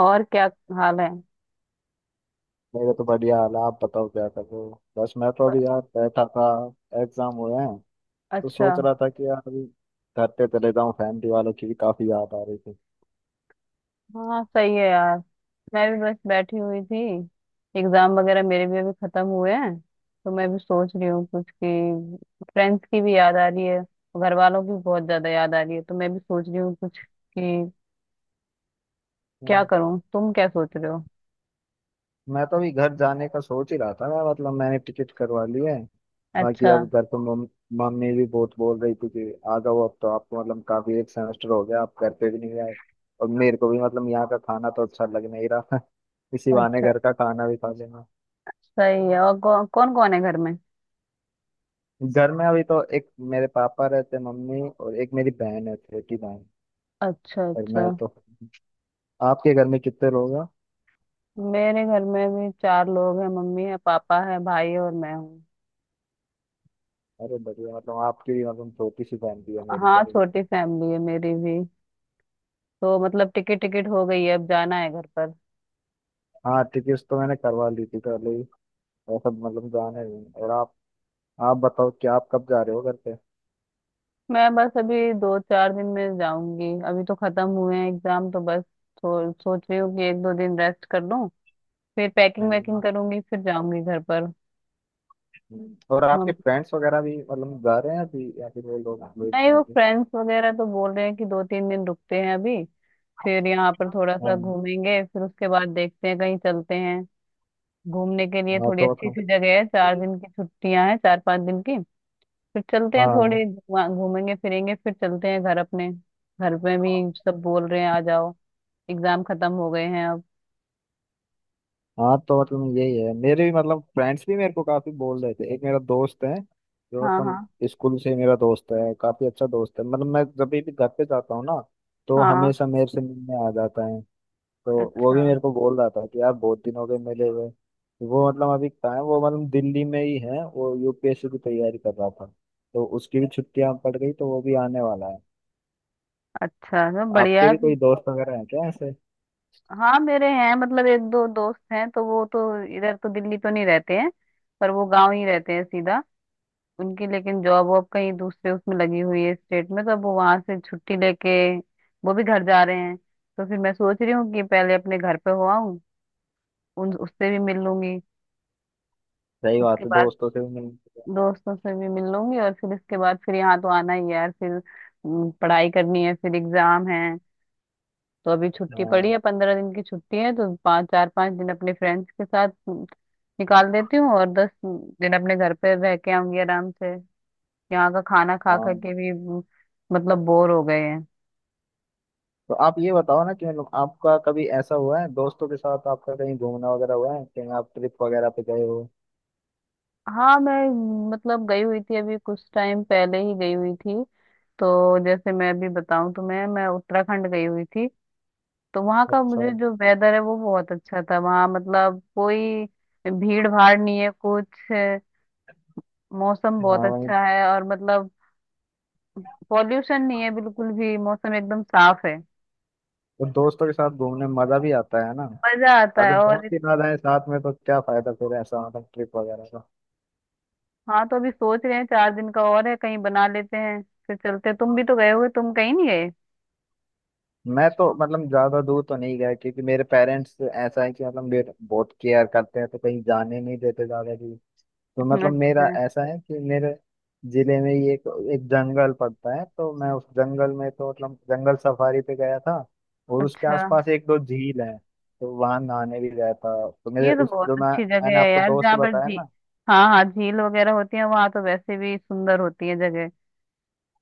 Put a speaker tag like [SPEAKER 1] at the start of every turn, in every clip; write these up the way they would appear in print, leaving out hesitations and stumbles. [SPEAKER 1] और क्या हाल है।
[SPEAKER 2] मेरे तो बढ़िया हाल है। आप बताओ क्या कर रहे हो। बस मैं तो अभी यार बैठा था, एग्जाम हुए हैं तो
[SPEAKER 1] अच्छा।
[SPEAKER 2] सोच रहा था कि यार अभी घर पे चले जाऊं। फैमिली वालों की भी काफी याद आ रही थी।
[SPEAKER 1] हाँ सही है यार। मैं भी बस बैठी हुई थी। एग्जाम वगैरह मेरे भी अभी खत्म हुए हैं, तो मैं भी सोच रही हूँ कुछ कि फ्रेंड्स की भी याद आ रही है, घर वालों की बहुत ज्यादा याद आ रही है, तो मैं भी सोच रही हूँ कुछ कि क्या
[SPEAKER 2] हम्म।
[SPEAKER 1] करूँ। तुम क्या सोच रहे हो?
[SPEAKER 2] मैं तो अभी घर जाने का सोच ही रहा था। मैं मतलब मैंने टिकट करवा ली है। बाकी
[SPEAKER 1] अच्छा।
[SPEAKER 2] अब घर पे मम्मी भी बहुत बोल रही थी कि आ जाओ, अब तो आपको मतलब काफी एक सेमेस्टर हो गया, आप घर पे भी नहीं आए। और मेरे को भी मतलब यहाँ का खाना तो अच्छा लग नहीं रहा। इसी बहाने
[SPEAKER 1] अच्छा,
[SPEAKER 2] घर का खाना भी खा लेना।
[SPEAKER 1] सही है। और कौन कौन है घर में?
[SPEAKER 2] घर में अभी तो एक मेरे पापा रहते हैं, मम्मी, और एक मेरी बहन है, छोटी बहन।
[SPEAKER 1] अच्छा
[SPEAKER 2] और मैं
[SPEAKER 1] अच्छा।
[SPEAKER 2] तो आपके घर में कितने लोग हैं?
[SPEAKER 1] मेरे घर में भी चार लोग हैं। मम्मी है, पापा है, भाई है, और मैं हूँ।
[SPEAKER 2] अरे बढ़िया, मतलब आपकी भी मतलब छोटी सी फैमिली है, मेरी
[SPEAKER 1] हाँ,
[SPEAKER 2] तरह।
[SPEAKER 1] छोटी फैमिली है मेरी भी। तो मतलब टिकट टिकट हो गई है, अब जाना है घर पर।
[SPEAKER 2] हाँ, टिकट्स तो मैंने करवा ली थी पहले ही। ऐसा मतलब जाने नहीं। और आप बताओ कि आप कब जा रहे हो घर पे?
[SPEAKER 1] मैं बस अभी दो चार दिन में जाऊंगी। अभी तो खत्म हुए हैं एग्जाम, तो बस सोच रही हूँ कि एक दो दिन रेस्ट कर लूँ, फिर पैकिंग
[SPEAKER 2] नहीं,
[SPEAKER 1] वैकिंग करूंगी, फिर जाऊंगी घर पर।
[SPEAKER 2] नहीं। और आपके
[SPEAKER 1] मम-
[SPEAKER 2] फ्रेंड्स वगैरह भी मतलब जा रहे हैं अभी, या फिर वो लोग वेट
[SPEAKER 1] नहीं, वो
[SPEAKER 2] करेंगे?
[SPEAKER 1] फ्रेंड्स वगैरह तो बोल रहे हैं कि दो तीन दिन रुकते हैं अभी, फिर यहाँ पर थोड़ा सा
[SPEAKER 2] हाँ
[SPEAKER 1] घूमेंगे, फिर उसके बाद देखते हैं कहीं चलते हैं घूमने के लिए
[SPEAKER 2] हाँ
[SPEAKER 1] थोड़ी
[SPEAKER 2] तो
[SPEAKER 1] अच्छी
[SPEAKER 2] बताओ।
[SPEAKER 1] सी जगह है। चार दिन की छुट्टियां हैं, चार पांच दिन की, फिर चलते हैं
[SPEAKER 2] हाँ।
[SPEAKER 1] थोड़ी वहाँ, घूमेंगे फिरेंगे, फिर चलते हैं घर अपने। घर में भी सब बोल रहे हैं आ जाओ, एग्जाम खत्म हो गए हैं अब।
[SPEAKER 2] हाँ तो मतलब यही है, मेरे भी मतलब फ्रेंड्स भी मेरे को काफी बोल रहे थे। एक मेरा दोस्त है जो
[SPEAKER 1] हाँ
[SPEAKER 2] मतलब
[SPEAKER 1] हाँ
[SPEAKER 2] स्कूल से मेरा दोस्त है, काफी अच्छा दोस्त है। मतलब मैं जब भी घर पे जाता हूँ ना, तो
[SPEAKER 1] हाँ।
[SPEAKER 2] हमेशा मेरे से मिलने आ जाता है। तो वो
[SPEAKER 1] अच्छा,
[SPEAKER 2] भी मेरे को बोल रहा था कि यार बहुत दिन हो गए मिले हुए। वो मतलब अभी कहाँ है, वो मतलब दिल्ली में ही है। वो यूपीएससी की तैयारी कर रहा था, तो उसकी भी छुट्टियां पड़ गई, तो वो भी आने वाला है।
[SPEAKER 1] अच्छा तो बढ़िया
[SPEAKER 2] आपके
[SPEAKER 1] है
[SPEAKER 2] भी
[SPEAKER 1] फिर।
[SPEAKER 2] कोई दोस्त वगैरह है क्या ऐसे?
[SPEAKER 1] हाँ मेरे हैं, मतलब एक दो दोस्त हैं, तो वो तो इधर तो, दिल्ली तो नहीं रहते हैं, पर वो गांव ही रहते हैं सीधा। उनकी लेकिन जॉब वॉब कहीं दूसरे उसमें लगी हुई है स्टेट में, तो अब वो वहां से छुट्टी लेके वो भी घर जा रहे हैं, तो फिर मैं सोच रही हूँ कि पहले अपने घर पे हो आऊँ, उन उससे भी मिल लूंगी
[SPEAKER 2] सही
[SPEAKER 1] उसके
[SPEAKER 2] बात है,
[SPEAKER 1] बाद।
[SPEAKER 2] दोस्तों से भी मिलने।
[SPEAKER 1] दोस्तों से भी मिल लूंगी, और फिर इसके बाद फिर यहाँ तो आना ही है यार। फिर पढ़ाई करनी है, फिर एग्जाम है। तो अभी छुट्टी पड़ी
[SPEAKER 2] हाँ
[SPEAKER 1] है, पंद्रह दिन की छुट्टी है, तो पाँच, चार पाँच दिन अपने फ्रेंड्स के साथ निकाल देती हूँ, और दस दिन अपने घर पे रह के आऊंगी आराम से। यहाँ का खाना खा खा
[SPEAKER 2] हाँ।
[SPEAKER 1] के भी मतलब बोर हो गए हैं।
[SPEAKER 2] तो आप ये बताओ ना कि मतलब आपका कभी ऐसा हुआ है दोस्तों के साथ, आपका कहीं घूमना वगैरह हुआ है? कहीं आप ट्रिप वगैरह पे गए हो?
[SPEAKER 1] हाँ मैं मतलब गई हुई थी अभी कुछ टाइम पहले ही गई हुई थी। तो जैसे मैं अभी बताऊं तुम्हें, मैं उत्तराखंड गई हुई थी। तो वहाँ का
[SPEAKER 2] अच्छा।
[SPEAKER 1] मुझे जो वेदर है वो बहुत अच्छा था। वहाँ मतलब कोई भीड़ भाड़ नहीं है कुछ है, मौसम बहुत
[SPEAKER 2] हाँ वही।
[SPEAKER 1] अच्छा है, और मतलब पॉल्यूशन नहीं है बिल्कुल भी, मौसम एकदम साफ है।
[SPEAKER 2] तो दोस्तों के साथ घूमने में मजा भी आता है ना?
[SPEAKER 1] मजा आता है
[SPEAKER 2] अगर
[SPEAKER 1] और
[SPEAKER 2] दोस्त ही ना रहे साथ में तो क्या फायदा फिर ऐसा मतलब ट्रिप वगैरह का।
[SPEAKER 1] हाँ। तो अभी सोच रहे हैं चार दिन का और है, कहीं बना लेते हैं, फिर चलते हैं। तुम भी तो गए हुए, तुम कहीं नहीं गए?
[SPEAKER 2] मैं तो मतलब ज्यादा दूर तो नहीं गया, क्योंकि मेरे पेरेंट्स ऐसा है कि मतलब मेरे बहुत केयर करते हैं, तो कहीं जाने नहीं देते ज्यादा दूर। तो मतलब मेरा
[SPEAKER 1] अच्छा
[SPEAKER 2] ऐसा है कि मेरे जिले में ही एक एक जंगल पड़ता है। तो मैं उस जंगल में तो मतलब जंगल सफारी पे गया था, और उसके
[SPEAKER 1] अच्छा।
[SPEAKER 2] आसपास एक दो झील है। तो वहां नहाने भी गया था। तो मेरे
[SPEAKER 1] ये तो
[SPEAKER 2] उस जो
[SPEAKER 1] बहुत
[SPEAKER 2] मैं
[SPEAKER 1] अच्छी जगह
[SPEAKER 2] मैंने
[SPEAKER 1] है
[SPEAKER 2] आपको
[SPEAKER 1] यार,
[SPEAKER 2] दोस्त
[SPEAKER 1] जहाँ पर
[SPEAKER 2] बताया
[SPEAKER 1] झी,
[SPEAKER 2] ना,
[SPEAKER 1] हाँ हाँ, झील वगैरह होती है वहाँ तो वैसे भी सुंदर होती है जगह।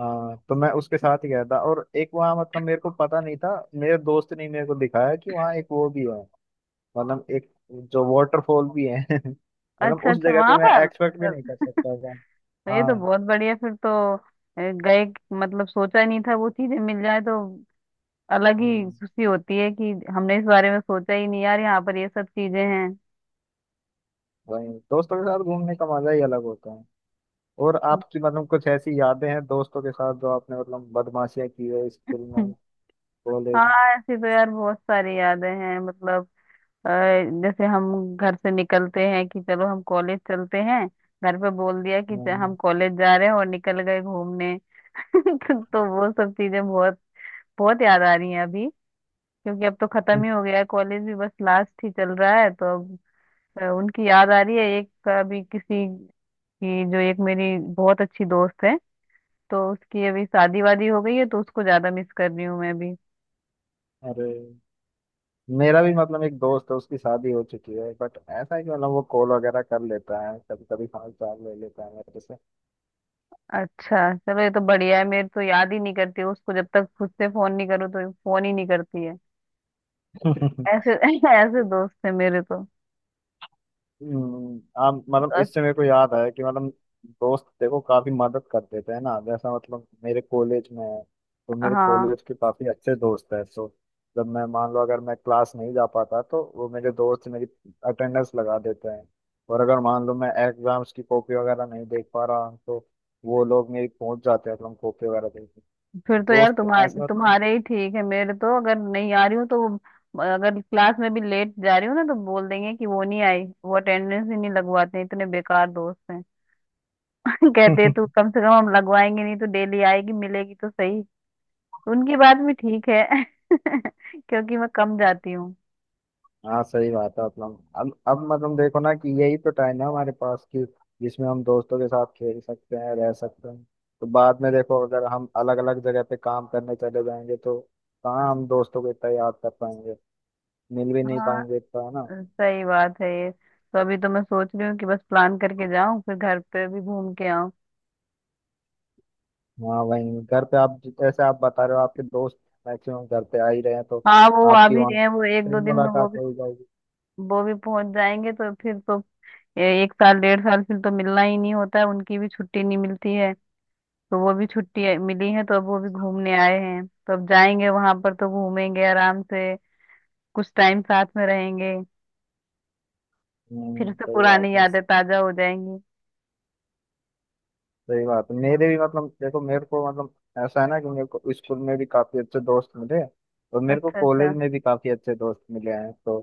[SPEAKER 2] हाँ, तो मैं उसके साथ ही गया था। और एक वहाँ मतलब मेरे को पता नहीं था, मेरे दोस्त ने मेरे को दिखाया कि वहाँ एक वो भी है, मतलब एक जो वाटरफॉल भी है। मतलब
[SPEAKER 1] अच्छा
[SPEAKER 2] उस
[SPEAKER 1] अच्छा,
[SPEAKER 2] जगह पे
[SPEAKER 1] वहां
[SPEAKER 2] मैं
[SPEAKER 1] पर
[SPEAKER 2] एक्सपेक्ट भी नहीं कर
[SPEAKER 1] तो
[SPEAKER 2] सकता था।
[SPEAKER 1] ये तो
[SPEAKER 2] हाँ।
[SPEAKER 1] बहुत बढ़िया फिर तो। गए मतलब सोचा ही नहीं था वो चीजें मिल जाए, तो अलग ही
[SPEAKER 2] हम्म।
[SPEAKER 1] खुशी होती है कि हमने इस बारे में सोचा ही नहीं यार, यहाँ पर ये सब चीजें हैं।
[SPEAKER 2] वही दोस्तों के साथ घूमने का मजा ही अलग होता है। और आपकी मतलब कुछ ऐसी यादें हैं दोस्तों के साथ, जो आपने मतलब बदमाशियां की है स्कूल में,
[SPEAKER 1] हाँ,
[SPEAKER 2] कॉलेज
[SPEAKER 1] ऐसी तो यार बहुत सारी यादें हैं मतलब। अ, जैसे हम घर से निकलते हैं कि चलो हम कॉलेज चलते हैं, घर पे बोल दिया कि
[SPEAKER 2] में?
[SPEAKER 1] हम कॉलेज जा रहे हैं, और निकल गए घूमने। तो वो सब चीजें बहुत बहुत याद आ रही हैं अभी। क्योंकि अब तो खत्म ही हो गया है कॉलेज भी, बस लास्ट ही चल रहा है, तो अब उनकी याद आ रही है। एक अभी किसी की जो एक मेरी बहुत अच्छी दोस्त है, तो उसकी अभी शादी वादी हो गई है, तो उसको ज्यादा मिस कर रही हूँ मैं अभी।
[SPEAKER 2] अरे मेरा भी मतलब एक दोस्त है, उसकी शादी हो चुकी है, बट ऐसा है कि मतलब वो कॉल वगैरह कर लेता है, कभी कभी हाल चाल ले लेता है मेरे से।
[SPEAKER 1] अच्छा, चलो ये तो बढ़िया है। मेरे तो याद ही नहीं करती उसको, जब तक खुद से फोन नहीं करूँ तो फोन ही नहीं करती है, ऐसे ऐसे दोस्त है मेरे तो।
[SPEAKER 2] हाँ, मतलब
[SPEAKER 1] अस-
[SPEAKER 2] इससे मेरे को याद आया कि मतलब दोस्त देखो काफी मदद कर देते हैं ना, जैसा मतलब मेरे कॉलेज में है, तो मेरे
[SPEAKER 1] हाँ,
[SPEAKER 2] कॉलेज के काफी अच्छे दोस्त हैं, तो जब मैं मान लो अगर मैं क्लास नहीं जा पाता, तो वो मेरे दोस्त मेरी अटेंडेंस लगा देते हैं। और अगर मान लो मैं एग्जाम्स की कॉपी वगैरह नहीं देख पा रहा, तो वो लोग मेरी पहुंच जाते हैं, मतलब कॉपी वगैरह देखने।
[SPEAKER 1] फिर तो यार
[SPEAKER 2] दोस्त
[SPEAKER 1] तुम्हारे
[SPEAKER 2] ऐसे मतलब।
[SPEAKER 1] तुम्हारे ही ठीक है। मेरे तो अगर नहीं आ रही हूँ तो अगर क्लास में भी लेट जा रही हूँ ना, तो बोल देंगे कि वो नहीं आई, वो अटेंडेंस ही नहीं लगवाते, इतने बेकार दोस्त हैं। कहते तू कम से कम हम लगवाएंगे नहीं, तो डेली आएगी मिलेगी तो सही। उनकी बात भी ठीक है। क्योंकि मैं कम जाती हूँ।
[SPEAKER 2] हाँ सही बात है, मतलब अब मतलब देखो ना कि यही तो टाइम है हमारे पास, कि जिसमें हम दोस्तों के साथ खेल सकते हैं, रह सकते हैं। तो बाद में देखो, अगर हम अलग अलग जगह पे काम करने चले जाएंगे, तो कहाँ हम दोस्तों को इतना याद कर पाएंगे? मिल भी नहीं
[SPEAKER 1] हाँ
[SPEAKER 2] पाएंगे इतना, है ना?
[SPEAKER 1] सही बात है। ये तो अभी तो मैं सोच रही हूँ कि बस प्लान करके जाऊं, फिर घर पे भी घूम के आऊं।
[SPEAKER 2] हाँ वहीं, घर पे आप जैसे आप बता रहे हो आपके दोस्त मैक्सिमम घर पे आ ही रहे हैं, तो
[SPEAKER 1] हाँ, वो आ
[SPEAKER 2] आपकी
[SPEAKER 1] भी
[SPEAKER 2] वहाँ
[SPEAKER 1] रहे हैं, वो एक
[SPEAKER 2] फिर
[SPEAKER 1] दो दिन में वो
[SPEAKER 2] मुलाकात
[SPEAKER 1] भी,
[SPEAKER 2] हो ही जाएगी।
[SPEAKER 1] वो भी पहुंच जाएंगे, तो फिर तो एक साल, डेढ़ साल फिर तो मिलना ही नहीं होता है, उनकी भी छुट्टी नहीं मिलती है। तो वो भी छुट्टी मिली है, तो अब वो भी घूमने आए हैं, तो अब जाएंगे वहां पर, तो घूमेंगे आराम से, कुछ टाइम साथ में रहेंगे, फिर से
[SPEAKER 2] सही
[SPEAKER 1] पुरानी
[SPEAKER 2] बात है।
[SPEAKER 1] यादें ताजा हो जाएंगी।
[SPEAKER 2] सही बात है। मेरे भी मतलब देखो, मेरे को मतलब ऐसा है ना कि मेरे को स्कूल में भी काफी अच्छे दोस्त मिले, और मेरे को
[SPEAKER 1] अच्छा अच्छा।
[SPEAKER 2] कॉलेज में भी काफी अच्छे दोस्त मिले हैं। तो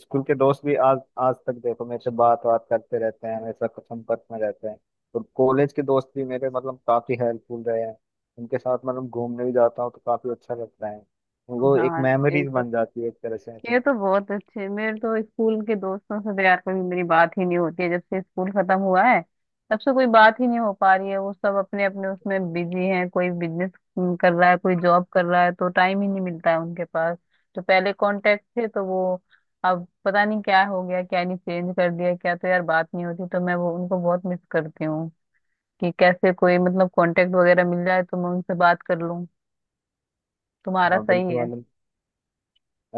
[SPEAKER 2] स्कूल के दोस्त भी आज आज तक देखो मेरे से बात बात करते रहते हैं, हमेशा संपर्क में रहते हैं। और कॉलेज के दोस्त भी मेरे मतलब काफी हेल्पफुल रहे हैं, उनके साथ मतलब घूमने भी जाता हूँ तो काफी अच्छा लगता है। वो एक
[SPEAKER 1] हाँ, ये
[SPEAKER 2] मेमोरीज
[SPEAKER 1] तो,
[SPEAKER 2] बन जाती है एक तरह से
[SPEAKER 1] ये
[SPEAKER 2] मतलब।
[SPEAKER 1] तो बहुत अच्छे। मेरे तो स्कूल के दोस्तों से तो यार कभी मेरी बात ही नहीं होती है, जब से स्कूल खत्म हुआ है तब से कोई बात ही नहीं हो पा रही है। वो सब अपने अपने उसमें बिजी हैं, कोई बिजनेस कर रहा है, कोई जॉब कर रहा है, तो टाइम ही नहीं मिलता है उनके पास। जो पहले कांटेक्ट थे तो वो अब पता नहीं क्या हो गया, क्या नहीं, चेंज कर दिया क्या, तो यार बात नहीं होती, तो मैं वो उनको बहुत मिस करती हूँ। कि कैसे कोई मतलब कांटेक्ट वगैरह मिल जाए तो मैं उनसे बात कर लूँ। तुम्हारा
[SPEAKER 2] हाँ
[SPEAKER 1] सही
[SPEAKER 2] बिल्कुल
[SPEAKER 1] है।
[SPEAKER 2] मतलब।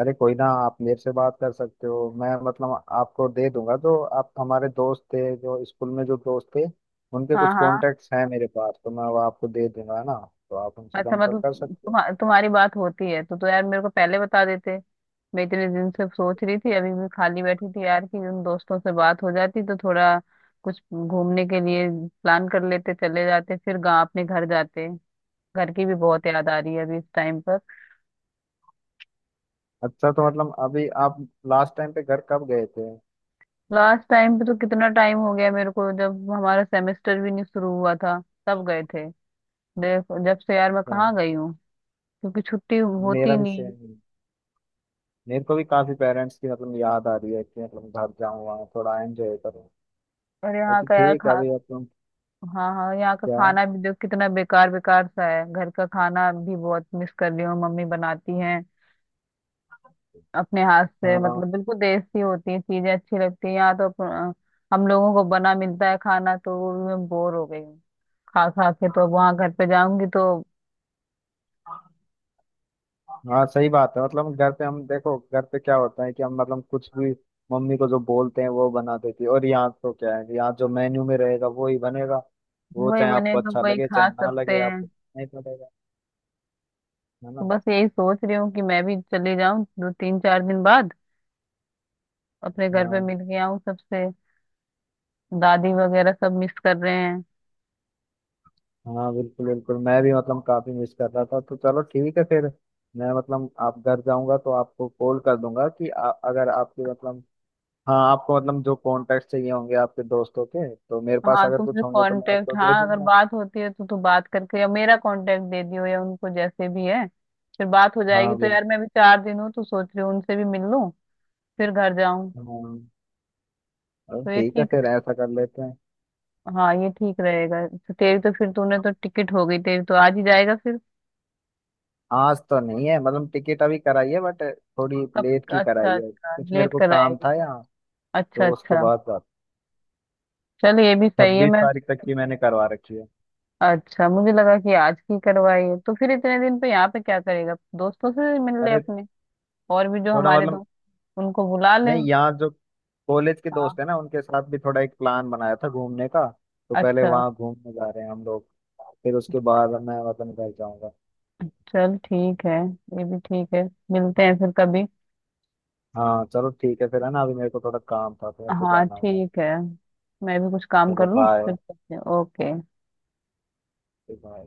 [SPEAKER 2] अरे कोई ना, आप मेरे से बात कर सकते हो, मैं मतलब आपको दे दूंगा, जो आप हमारे दोस्त थे, जो स्कूल में जो दोस्त थे, उनके
[SPEAKER 1] हाँ
[SPEAKER 2] कुछ
[SPEAKER 1] हाँ।
[SPEAKER 2] कॉन्टेक्ट्स हैं मेरे पास, तो मैं वो आपको दे दूंगा, है ना। तो आप उनसे
[SPEAKER 1] अच्छा
[SPEAKER 2] संपर्क
[SPEAKER 1] मतलब
[SPEAKER 2] कर सकते हो।
[SPEAKER 1] तुम्हारी बात होती है? तो यार मेरे को पहले बता देते। मैं इतने दिन से सोच रही थी, अभी भी खाली बैठी थी यार, कि उन दोस्तों से बात हो जाती तो थोड़ा कुछ घूमने के लिए प्लान कर लेते, चले जाते, फिर गाँव अपने घर जाते। घर की भी बहुत याद आ रही है अभी इस टाइम पर।
[SPEAKER 2] अच्छा, तो मतलब अभी आप लास्ट टाइम पे घर कब गए थे?
[SPEAKER 1] लास्ट टाइम पे तो कितना टाइम हो गया मेरे को, जब हमारा सेमेस्टर भी नहीं शुरू हुआ था तब गए थे। देखो जब से यार मैं
[SPEAKER 2] हाँ,
[SPEAKER 1] कहाँ गई हूँ, क्योंकि छुट्टी होती
[SPEAKER 2] मेरा भी
[SPEAKER 1] नहीं।
[SPEAKER 2] सेम। मेरे को भी काफी पेरेंट्स की मतलब याद आ रही है कि मतलब घर जाऊँ वहाँ थोड़ा एंजॉय करूँ।
[SPEAKER 1] और यहाँ
[SPEAKER 2] बाकी
[SPEAKER 1] का यार
[SPEAKER 2] ठीक है
[SPEAKER 1] खा,
[SPEAKER 2] अभी मतलब।
[SPEAKER 1] हाँ हाँ, यहाँ का
[SPEAKER 2] क्या?
[SPEAKER 1] खाना भी देखो कितना बेकार बेकार सा है। घर का खाना भी बहुत मिस कर रही हूँ, मम्मी बनाती हैं अपने हाथ से,
[SPEAKER 2] हाँ
[SPEAKER 1] मतलब बिल्कुल देसी होती है चीजें, अच्छी लगती है। यहाँ तो हम लोगों को बना मिलता है खाना, तो वो भी मैं बोर हो गई हूँ खा खा के, तो अब वहाँ घर पे जाऊंगी तो।
[SPEAKER 2] हाँ सही बात है, मतलब घर पे हम देखो, घर पे क्या होता है कि हम मतलब कुछ भी मम्मी को जो बोलते हैं वो बना देती है। और यहाँ तो क्या है कि यहाँ जो मेन्यू में रहेगा वो ही बनेगा, वो
[SPEAKER 1] वही
[SPEAKER 2] चाहे आपको
[SPEAKER 1] बनेगा
[SPEAKER 2] अच्छा
[SPEAKER 1] वही
[SPEAKER 2] लगे चाहे
[SPEAKER 1] खा
[SPEAKER 2] ना
[SPEAKER 1] सकते
[SPEAKER 2] लगे,
[SPEAKER 1] हैं।
[SPEAKER 2] आपको नहीं पड़ेगा, है
[SPEAKER 1] तो
[SPEAKER 2] ना।
[SPEAKER 1] बस यही सोच रही हूँ कि मैं भी चली जाऊँ दो तीन चार दिन बाद अपने घर पे,
[SPEAKER 2] हाँ
[SPEAKER 1] मिल के आऊँ सबसे, दादी वगैरह सब मिस कर रहे हैं।
[SPEAKER 2] हाँ, बिल्कुल बिल्कुल। मैं भी मतलब काफी मिस कर रहा था, तो चलो ठीक है फिर। मैं मतलब आप घर जाऊंगा तो आपको कॉल कर दूंगा कि अगर आपके मतलब, हाँ, आपको मतलब जो कॉन्टेक्ट चाहिए होंगे आपके दोस्तों के, तो मेरे पास
[SPEAKER 1] हाँ
[SPEAKER 2] अगर
[SPEAKER 1] तुम मेरे
[SPEAKER 2] कुछ होंगे तो मैं
[SPEAKER 1] कांटेक्ट,
[SPEAKER 2] आपको दे
[SPEAKER 1] हाँ अगर
[SPEAKER 2] दूंगा।
[SPEAKER 1] बात होती है तो तू बात करके या मेरा कांटेक्ट दे दियो या उनको, जैसे भी है फिर बात हो जाएगी,
[SPEAKER 2] हाँ
[SPEAKER 1] तो
[SPEAKER 2] बिल्कुल।
[SPEAKER 1] यार मैं भी चार दिन हूँ तो सोच रही हूँ उनसे भी मिल लूँ फिर घर जाऊँ।
[SPEAKER 2] हाँ। चलो
[SPEAKER 1] तो ये
[SPEAKER 2] ठीक है फिर, ऐसा कर लेते हैं।
[SPEAKER 1] हाँ ये ठीक रहेगा। तो तेरी तो फिर, तूने तो टिकट हो गई, तेरी तो आज ही जाएगा फिर?
[SPEAKER 2] आज तो नहीं है मतलब, टिकट अभी कराई है बट थोड़ी
[SPEAKER 1] कब?
[SPEAKER 2] लेट की
[SPEAKER 1] अच्छा
[SPEAKER 2] कराई है,
[SPEAKER 1] अच्छा,
[SPEAKER 2] कुछ मेरे
[SPEAKER 1] लेट
[SPEAKER 2] को काम
[SPEAKER 1] कराएगी।
[SPEAKER 2] था यहाँ,
[SPEAKER 1] अच्छा
[SPEAKER 2] तो उसके
[SPEAKER 1] अच्छा।
[SPEAKER 2] बाद बात।
[SPEAKER 1] चल ये भी सही है।
[SPEAKER 2] 26
[SPEAKER 1] मैं,
[SPEAKER 2] तारीख तक की मैंने करवा रखी है।
[SPEAKER 1] अच्छा मुझे लगा कि आज की करवाई है, तो फिर इतने दिन पे यहाँ पे क्या करेगा? दोस्तों से मिल ले
[SPEAKER 2] अरे
[SPEAKER 1] अपने और भी जो
[SPEAKER 2] थोड़ा
[SPEAKER 1] हमारे
[SPEAKER 2] मतलब
[SPEAKER 1] दोस्त, उनको बुला ले।
[SPEAKER 2] नहीं, यहाँ जो कॉलेज के
[SPEAKER 1] हाँ।
[SPEAKER 2] दोस्त है ना, उनके साथ भी थोड़ा एक प्लान बनाया था घूमने का, तो पहले
[SPEAKER 1] अच्छा,
[SPEAKER 2] वहाँ घूमने जा रहे हैं हम लोग। फिर उसके बाद मैं वतन घर जाऊंगा।
[SPEAKER 1] चल ठीक है, ये भी ठीक है, मिलते हैं फिर कभी।
[SPEAKER 2] हाँ चलो ठीक है फिर, है ना। अभी मेरे को थोड़ा काम था, तो मेरे को
[SPEAKER 1] हाँ
[SPEAKER 2] जाना होगा।
[SPEAKER 1] ठीक है, मैं भी कुछ काम कर
[SPEAKER 2] चलो
[SPEAKER 1] लूँ,
[SPEAKER 2] बाय।
[SPEAKER 1] फिर करते हैं। ओके।